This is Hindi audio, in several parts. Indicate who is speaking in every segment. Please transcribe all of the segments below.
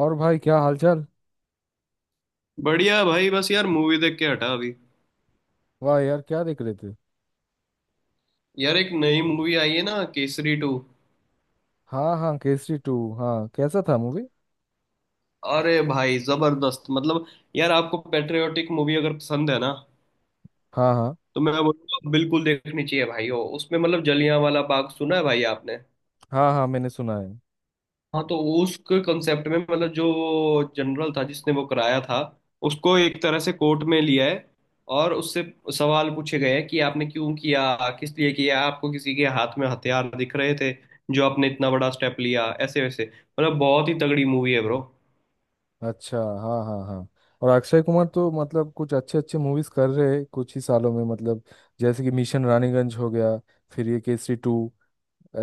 Speaker 1: और भाई क्या हालचाल।
Speaker 2: बढ़िया भाई। बस यार मूवी देख के हटा अभी।
Speaker 1: वाह यार क्या देख रहे थे।
Speaker 2: यार एक नई मूवी आई है ना, केसरी टू।
Speaker 1: हाँ हाँ, केसरी टू, हाँ कैसा था मूवी।
Speaker 2: अरे भाई जबरदस्त। मतलब यार आपको पेट्रियोटिक मूवी अगर पसंद है ना,
Speaker 1: हाँ हाँ
Speaker 2: तो मैं बोलूंगा बिल्कुल देखनी चाहिए भाई। वो उसमें मतलब जलियांवाला बाग सुना है भाई आपने?
Speaker 1: हाँ हाँ, मैंने सुना है।
Speaker 2: हाँ तो उसके कंसेप्ट में मतलब जो जनरल था जिसने वो कराया था, उसको एक तरह से कोर्ट में लिया है। और उससे सवाल पूछे गए हैं कि आपने क्यों किया, किस लिए किया, आपको किसी के हाथ में हथियार दिख रहे थे जो आपने इतना बड़ा स्टेप लिया ऐसे वैसे। मतलब बहुत ही तगड़ी मूवी है ब्रो।
Speaker 1: अच्छा हाँ हाँ हाँ। और अक्षय कुमार तो मतलब कुछ अच्छे अच्छे मूवीज कर रहे हैं कुछ ही सालों में मतलब जैसे कि मिशन रानीगंज हो गया, फिर ये केसरी टू।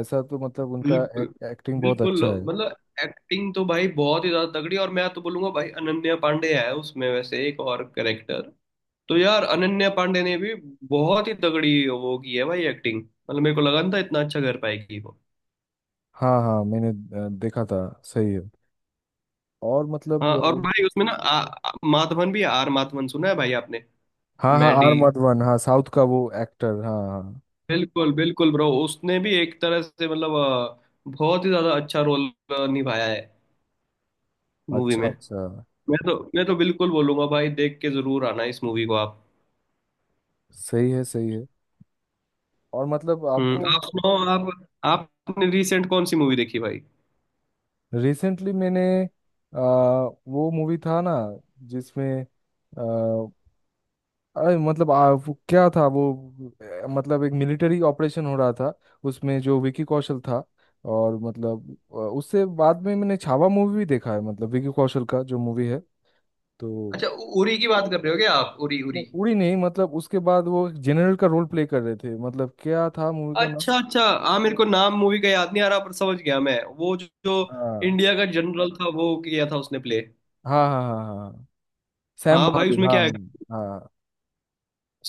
Speaker 1: ऐसा तो मतलब उनका
Speaker 2: बिल्कुल,
Speaker 1: एक्टिंग बहुत
Speaker 2: बिल्कुल
Speaker 1: अच्छा है।
Speaker 2: मतलब एक्टिंग तो भाई बहुत ही ज्यादा तगड़ी। और मैं तो बोलूंगा भाई अनन्या पांडे है उसमें वैसे एक और कैरेक्टर, तो यार अनन्या पांडे ने भी बहुत ही तगड़ी वो की है भाई एक्टिंग। मतलब मेरे को लगा नहीं था इतना अच्छा कर पाएगी वो।
Speaker 1: हाँ हाँ, मैंने देखा था। सही है। और
Speaker 2: हाँ और भाई उसमें ना आ, आ- माधवन भी है, आर माधवन सुना है भाई आपने?
Speaker 1: हाँ हाँ,
Speaker 2: मैडी,
Speaker 1: आर माधवन, हाँ साउथ का वो एक्टर, हाँ हाँ।
Speaker 2: बिल्कुल बिल्कुल ब्रो। उसने भी एक तरह से मतलब बहुत ही ज्यादा अच्छा रोल निभाया है मूवी
Speaker 1: अच्छा
Speaker 2: में।
Speaker 1: अच्छा।
Speaker 2: मैं तो बिल्कुल बोलूंगा भाई देख के जरूर आना इस मूवी को आप।
Speaker 1: सही है सही है। और मतलब आपको
Speaker 2: हम्म, आप
Speaker 1: मतलब
Speaker 2: सुनाओ आप। आपने रिसेंट कौन सी मूवी देखी भाई?
Speaker 1: रिसेंटली मैंने आ, वो मूवी था ना जिसमें आ, अरे मतलब वो क्या था वो। मतलब एक मिलिट्री ऑपरेशन हो रहा था उसमें, जो विकी कौशल था। और उससे बाद में मैंने छावा मूवी भी देखा है मतलब विकी कौशल का जो मूवी है तो।
Speaker 2: अच्छा, उरी की बात कर रहे हो क्या आप, उरी
Speaker 1: नहीं
Speaker 2: उरी?
Speaker 1: उड़ी नहीं, मतलब उसके बाद वो जनरल का रोल प्ले कर रहे थे, मतलब क्या था मूवी का नाम।
Speaker 2: अच्छा अच्छा। हाँ मेरे को नाम मूवी का याद नहीं आ रहा, पर समझ गया मैं वो जो
Speaker 1: हाँ
Speaker 2: इंडिया का जनरल था वो किया था उसने प्ले।
Speaker 1: हाँ हाँ हाँ, हाँ सैम
Speaker 2: हाँ भाई
Speaker 1: बहादुर
Speaker 2: उसमें
Speaker 1: हाँ।
Speaker 2: क्या है।
Speaker 1: हाँ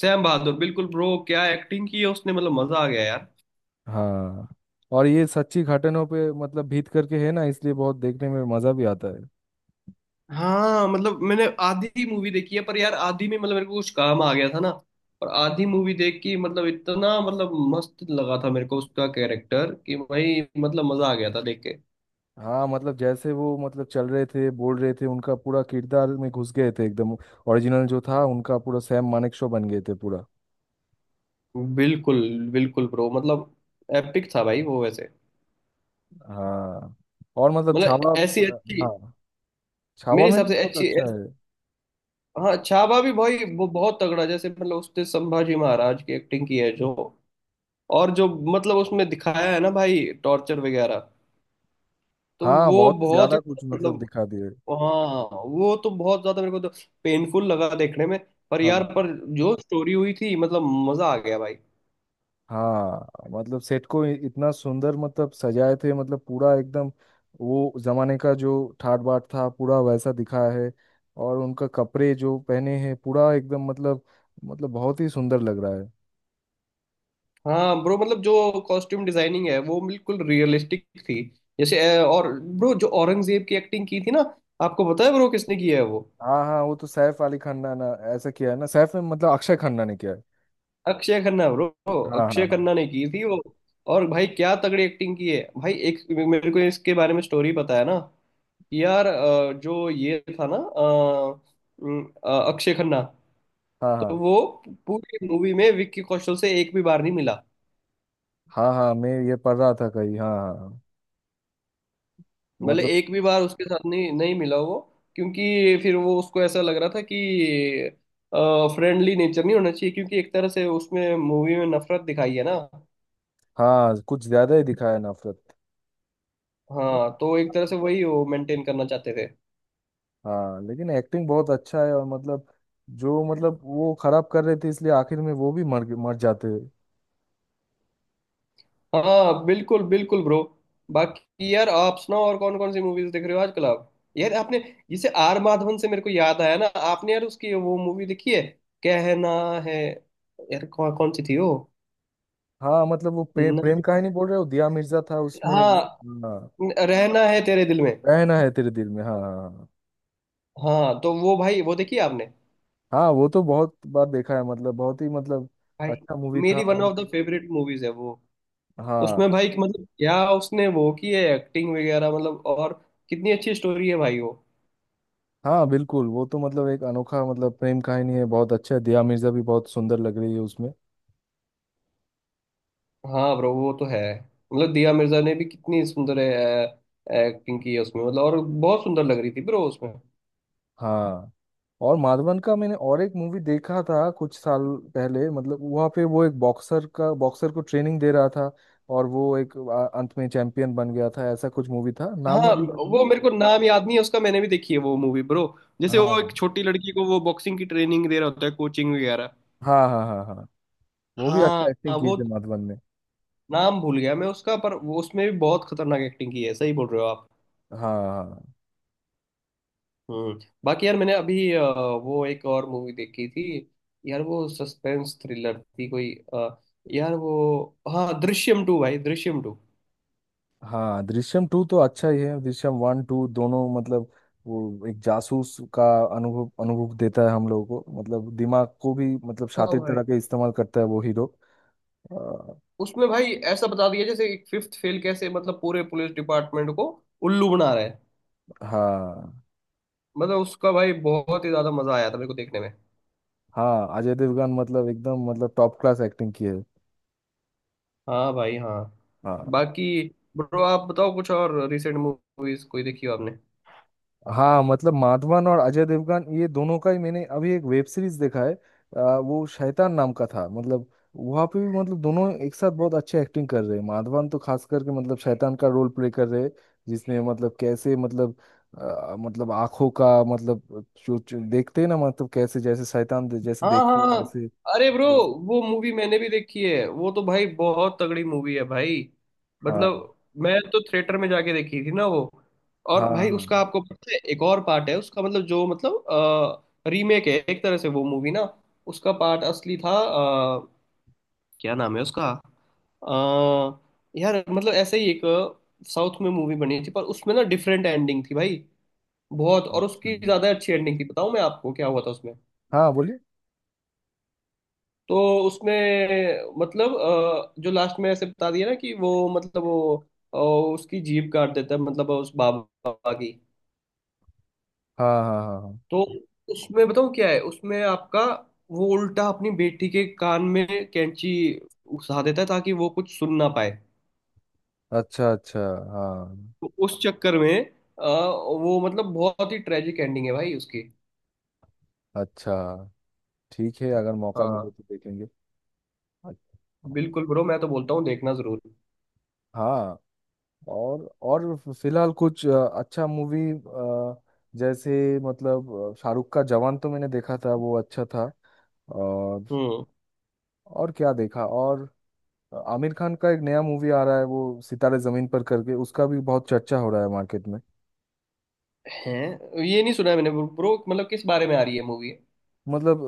Speaker 2: सैम बहादुर, बिल्कुल ब्रो। क्या एक्टिंग की है उसने, मतलब मजा आ गया यार।
Speaker 1: हाँ। और ये सच्ची घटनाओं पे मतलब भीत करके है ना, इसलिए बहुत देखने में मजा भी आता है।
Speaker 2: हाँ मतलब मैंने आधी मूवी देखी है, पर यार आधी में मतलब मेरे को कुछ काम आ गया था ना। और आधी मूवी देख के मतलब इतना मतलब मस्त लगा था मेरे को उसका कैरेक्टर, कि भाई मतलब मजा आ गया था देख के।
Speaker 1: हाँ मतलब जैसे वो मतलब चल रहे थे, बोल रहे थे, उनका पूरा किरदार में घुस गए थे एकदम। ओरिजिनल जो था उनका, पूरा सैम मानेकशॉ बन गए थे पूरा।
Speaker 2: बिल्कुल बिल्कुल ब्रो। मतलब एपिक था भाई वो वैसे।
Speaker 1: हाँ, और मतलब
Speaker 2: मतलब
Speaker 1: छावा,
Speaker 2: ऐसी अच्छी,
Speaker 1: हाँ छावा
Speaker 2: मेरे
Speaker 1: में
Speaker 2: हिसाब से
Speaker 1: भी बहुत
Speaker 2: अच्छी।
Speaker 1: अच्छा है।
Speaker 2: हाँ छावा भी भाई वो बहुत तगड़ा, जैसे मतलब उसने संभाजी महाराज की एक्टिंग की है जो, और जो मतलब उसमें दिखाया है ना भाई टॉर्चर वगैरह, तो
Speaker 1: हाँ
Speaker 2: वो
Speaker 1: बहुत ही
Speaker 2: बहुत
Speaker 1: ज्यादा
Speaker 2: ही
Speaker 1: कुछ मतलब
Speaker 2: मतलब,
Speaker 1: दिखा दिए।
Speaker 2: हाँ वो तो बहुत ज्यादा मेरे को तो पेनफुल लगा देखने में। पर यार,
Speaker 1: हाँ
Speaker 2: पर जो स्टोरी हुई थी मतलब मजा आ गया भाई।
Speaker 1: हाँ मतलब सेट को इतना सुंदर मतलब सजाए थे, मतलब पूरा एकदम वो जमाने का जो ठाट बाट था पूरा वैसा दिखाया है। और उनका कपड़े जो पहने हैं पूरा एकदम मतलब, मतलब बहुत ही सुंदर लग रहा है।
Speaker 2: हाँ ब्रो मतलब जो कॉस्ट्यूम डिजाइनिंग है वो बिल्कुल रियलिस्टिक थी। जैसे और ब्रो जो औरंगजेब की एक्टिंग की थी ना, आपको पता है ब्रो किसने की है वो?
Speaker 1: हाँ हाँ, वो तो सैफ अली खन्ना ना। ऐसा किया है ना, सैफ में मतलब अक्षय खन्ना ने किया है।
Speaker 2: अक्षय खन्ना ब्रो।
Speaker 1: हाँ हाँ
Speaker 2: अक्षय
Speaker 1: हाँ
Speaker 2: खन्ना ने की थी वो। और भाई क्या तगड़ी एक्टिंग की है भाई। एक मेरे को इसके बारे में स्टोरी पता है ना। यार जो ये था ना अक्षय खन्ना,
Speaker 1: हाँ।
Speaker 2: तो
Speaker 1: हाँ
Speaker 2: वो पूरी मूवी में विक्की कौशल से एक भी बार नहीं मिला।
Speaker 1: हाँ हाँ, मैं ये पढ़ रहा था कहीं, हाँ हाँ हाँ।
Speaker 2: मतलब
Speaker 1: मतलब,
Speaker 2: एक भी बार उसके साथ नहीं नहीं मिला वो। क्योंकि फिर वो उसको ऐसा लग रहा था कि फ्रेंडली नेचर नहीं होना चाहिए, क्योंकि एक तरह से उसमें मूवी में नफरत दिखाई है ना।
Speaker 1: हाँ कुछ ज्यादा ही दिखाया है नफरत।
Speaker 2: हाँ तो एक तरह से वही वो मेंटेन करना चाहते थे।
Speaker 1: हाँ लेकिन एक्टिंग बहुत अच्छा है। और मतलब जो मतलब वो खराब कर रहे थे, इसलिए आखिर में वो भी मर मर जाते हैं।
Speaker 2: हाँ बिल्कुल बिल्कुल ब्रो। बाकी यार आप सुनाओ, और कौन कौन सी मूवीज देख रहे हो आजकल आप? यार आपने, जिसे आर माधवन से मेरे को याद आया ना, आपने यार उसकी वो मूवी देखी है, कहना है यार, कौन कौन सी थी वो?
Speaker 1: हाँ मतलब वो प्रेम
Speaker 2: न-
Speaker 1: कहानी बोल रहे हो, दिया मिर्जा था उसमें।
Speaker 2: हाँ,
Speaker 1: हाँ,
Speaker 2: रहना है तेरे दिल में।
Speaker 1: रहना है तेरे दिल में, हाँ हाँ।
Speaker 2: हाँ तो वो भाई वो देखी आपने
Speaker 1: हाँ हाँ, वो तो बहुत बार देखा है, मतलब बहुत ही मतलब
Speaker 2: भाई?
Speaker 1: अच्छा मूवी था।
Speaker 2: मेरी
Speaker 1: और
Speaker 2: one of the favourite movies है वो।
Speaker 1: हाँ
Speaker 2: उसमें भाई मतलब क्या उसने वो की है एक्टिंग वगैरह, मतलब और कितनी अच्छी स्टोरी है भाई।
Speaker 1: हाँ बिल्कुल, वो तो मतलब एक अनोखा मतलब प्रेम कहानी है, बहुत अच्छा है। दिया मिर्जा भी बहुत सुंदर लग रही है उसमें।
Speaker 2: हाँ ब्रो वो तो है। मतलब दिया मिर्जा ने भी कितनी सुंदर एक्टिंग की है उसमें, मतलब और बहुत सुंदर लग रही थी ब्रो उसमें।
Speaker 1: हाँ, और माधवन का मैंने और एक मूवी देखा था कुछ साल पहले, मतलब वहाँ पे वो एक बॉक्सर का, बॉक्सर को ट्रेनिंग दे रहा था और वो एक अंत में चैंपियन बन गया था, ऐसा कुछ मूवी था, नाम
Speaker 2: हाँ
Speaker 1: मुझे याद
Speaker 2: वो
Speaker 1: नहीं।
Speaker 2: मेरे को नाम याद नहीं है उसका, मैंने भी देखी है वो मूवी ब्रो। जैसे वो
Speaker 1: हाँ
Speaker 2: एक छोटी लड़की को वो बॉक्सिंग की ट्रेनिंग दे रहा होता है, कोचिंग वगैरह।
Speaker 1: हाँ हाँ हाँ हाँ, वो भी अच्छा
Speaker 2: हाँ हाँ,
Speaker 1: एक्टिंग किए
Speaker 2: वो
Speaker 1: थे माधवन ने।
Speaker 2: नाम भूल गया मैं उसका, पर वो उसमें भी बहुत खतरनाक एक्टिंग की है। सही बोल रहे हो आप।
Speaker 1: हाँ हाँ।
Speaker 2: हम्म। बाकी यार मैंने अभी वो एक और मूवी देखी थी, यार वो सस्पेंस थ्रिलर थी कोई, यार वो, हाँ दृश्यम टू भाई, दृश्यम टू।
Speaker 1: हाँ दृश्यम टू तो अच्छा ही है, दृश्यम वन टू दोनों मतलब वो एक जासूस का अनुभव अनुभव देता है हम लोगों को, मतलब दिमाग को भी मतलब
Speaker 2: हाँ
Speaker 1: शातिर
Speaker 2: भाई
Speaker 1: तरह के इस्तेमाल करता है वो हीरो। अ,
Speaker 2: उसमें भाई ऐसा बता दिया जैसे एक फिफ्थ फेल कैसे मतलब पूरे पुलिस डिपार्टमेंट को उल्लू बना रहा है।
Speaker 1: हाँ
Speaker 2: मतलब उसका भाई बहुत ही ज्यादा मजा आया था मेरे को देखने में।
Speaker 1: हाँ, अजय देवगन मतलब एकदम मतलब टॉप क्लास एक्टिंग की है।
Speaker 2: हाँ भाई हाँ।
Speaker 1: हाँ।
Speaker 2: बाकी ब्रो आप बताओ कुछ और रिसेंट मूवीज कोई देखी हो आपने?
Speaker 1: हाँ मतलब माधवन और अजय देवगन, ये दोनों का ही मैंने अभी एक वेब सीरीज देखा है। वो शैतान नाम का था मतलब, वहाँ पे भी मतलब दोनों एक साथ बहुत अच्छे एक्टिंग कर रहे हैं। माधवन तो खास करके मतलब शैतान का रोल प्ले कर रहे हैं, जिसमें मतलब कैसे मतलब मतलब आंखों का मतलब जो देखते हैं ना, मतलब कैसे जैसे शैतान जैसे
Speaker 2: हाँ
Speaker 1: देखते हैं
Speaker 2: हाँ।
Speaker 1: वैसे
Speaker 2: अरे ब्रो
Speaker 1: मतलब।
Speaker 2: वो मूवी मैंने भी देखी है, वो तो भाई बहुत तगड़ी मूवी है भाई।
Speaker 1: हाँ
Speaker 2: मतलब मैं तो थिएटर में जाके देखी थी ना वो। और
Speaker 1: हाँ
Speaker 2: भाई उसका
Speaker 1: हाँ।
Speaker 2: आपको पता है एक और पार्ट है उसका, मतलब जो मतलब रीमेक है एक तरह से वो मूवी ना। उसका पार्ट असली था क्या नाम है उसका, अ, यार मतलब ऐसे ही एक साउथ में मूवी बनी थी, पर उसमें ना डिफरेंट एंडिंग थी भाई, बहुत और
Speaker 1: अच्छा,
Speaker 2: उसकी ज्यादा अच्छी एंडिंग थी। बताऊं मैं आपको क्या हुआ था उसमें?
Speaker 1: हाँ बोलिए।
Speaker 2: तो उसमें मतलब जो लास्ट में ऐसे बता दिया ना कि वो मतलब वो अ, उसकी जीभ काट देता है, मतलब उस बाबा की।
Speaker 1: हाँ हाँ हाँ हाँ।
Speaker 2: तो उसमें बताऊँ क्या है उसमें आपका, वो उल्टा अपनी बेटी के कान में कैंची घुसा देता है ताकि वो कुछ सुन ना पाए।
Speaker 1: अच्छा अच्छा, हाँ।
Speaker 2: तो उस चक्कर में वो मतलब बहुत ही ट्रेजिक एंडिंग है भाई उसकी।
Speaker 1: अच्छा। ठीक है, अगर मौका मिले
Speaker 2: हाँ
Speaker 1: तो देखेंगे। अच्छा।
Speaker 2: बिल्कुल ब्रो, मैं तो बोलता हूँ देखना जरूर।
Speaker 1: हाँ और फिलहाल कुछ अच्छा मूवी जैसे मतलब शाहरुख का जवान तो मैंने देखा था, वो अच्छा था। और
Speaker 2: हम्म।
Speaker 1: और क्या देखा और, आमिर खान का एक नया मूवी आ रहा है वो सितारे जमीन पर करके, उसका भी बहुत चर्चा हो रहा है मार्केट में।
Speaker 2: है, ये नहीं सुना है मैंने ब्रो, मतलब किस बारे में आ रही है मूवी?
Speaker 1: मतलब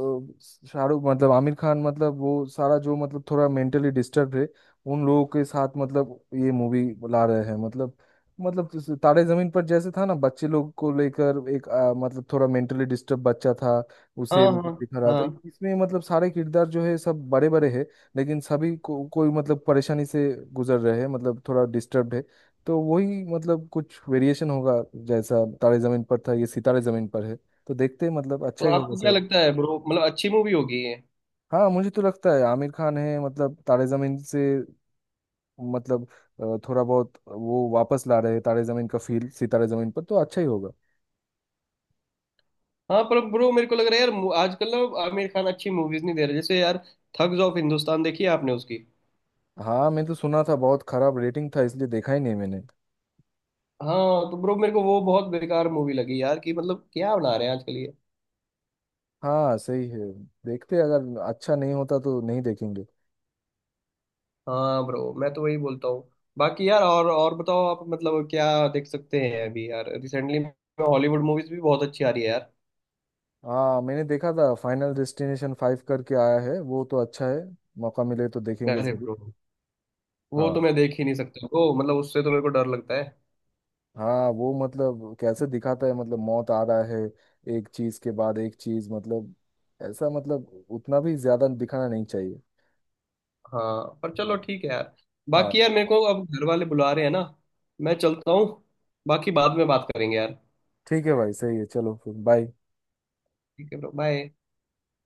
Speaker 1: शाहरुख मतलब आमिर खान मतलब वो सारा जो मतलब थोड़ा मेंटली डिस्टर्ब है उन लोगों के साथ मतलब ये मूवी ला रहे हैं मतलब। मतलब जैसे तारे जमीन पर जैसे था ना, बच्चे लोग को लेकर एक मतलब थोड़ा मेंटली डिस्टर्ब बच्चा था, उसे
Speaker 2: हाँ
Speaker 1: मतलब
Speaker 2: हाँ
Speaker 1: दिखा रहा था।
Speaker 2: हाँ।
Speaker 1: इसमें मतलब सारे किरदार जो है सब बड़े बड़े हैं, लेकिन सभी को कोई मतलब परेशानी से गुजर रहे हैं, मतलब थोड़ा डिस्टर्ब है। तो वही मतलब कुछ वेरिएशन होगा, जैसा तारे जमीन पर था ये सितारे जमीन पर है। तो देखते हैं, मतलब
Speaker 2: तो
Speaker 1: अच्छा ही होगा
Speaker 2: आपको क्या
Speaker 1: शायद।
Speaker 2: लगता है ब्रो, मतलब अच्छी मूवी होगी ये?
Speaker 1: हाँ मुझे तो लगता है आमिर खान है मतलब तारे जमीन से मतलब थोड़ा बहुत वो वापस ला रहे हैं तारे जमीन का फील, सितारे जमीन पर तो अच्छा ही होगा।
Speaker 2: हाँ पर ब्रो मेरे को लग रहा है यार, आजकल ना आमिर खान अच्छी मूवीज नहीं दे रहे। जैसे यार थग्स ऑफ हिंदुस्तान देखी है आपने उसकी?
Speaker 1: हाँ मैं तो सुना था बहुत खराब रेटिंग था, इसलिए देखा ही नहीं मैंने।
Speaker 2: हाँ तो ब्रो मेरे को वो बहुत बेकार मूवी लगी यार, कि मतलब क्या बना रहे हैं आजकल ये।
Speaker 1: हाँ सही है, देखते हैं, अगर अच्छा नहीं होता तो नहीं देखेंगे।
Speaker 2: हाँ ब्रो मैं तो वही बोलता हूँ। बाकी यार, और बताओ आप मतलब क्या देख सकते हैं अभी यार रिसेंटली में। हॉलीवुड मूवीज भी बहुत अच्छी आ रही है यार।
Speaker 1: हाँ मैंने देखा था फाइनल डेस्टिनेशन फाइव करके आया है, वो तो अच्छा है, मौका मिले तो देखेंगे
Speaker 2: अरे
Speaker 1: जरूर।
Speaker 2: ब्रो वो तो
Speaker 1: हाँ
Speaker 2: मैं देख ही नहीं सकता ब्रो, मतलब उससे तो मेरे को डर लगता है।
Speaker 1: हाँ, वो मतलब कैसे दिखाता है मतलब मौत आ रहा है, एक चीज के बाद एक चीज मतलब, ऐसा मतलब उतना भी ज्यादा दिखाना नहीं चाहिए।
Speaker 2: हाँ पर
Speaker 1: हाँ
Speaker 2: चलो ठीक है यार।
Speaker 1: हाँ।
Speaker 2: बाकी यार मेरे को अब घर वाले बुला रहे हैं ना, मैं चलता हूँ। बाकी बाद में बात करेंगे यार।
Speaker 1: ठीक है भाई, सही है, चलो फिर बाय।
Speaker 2: ठीक है ब्रो, बाय।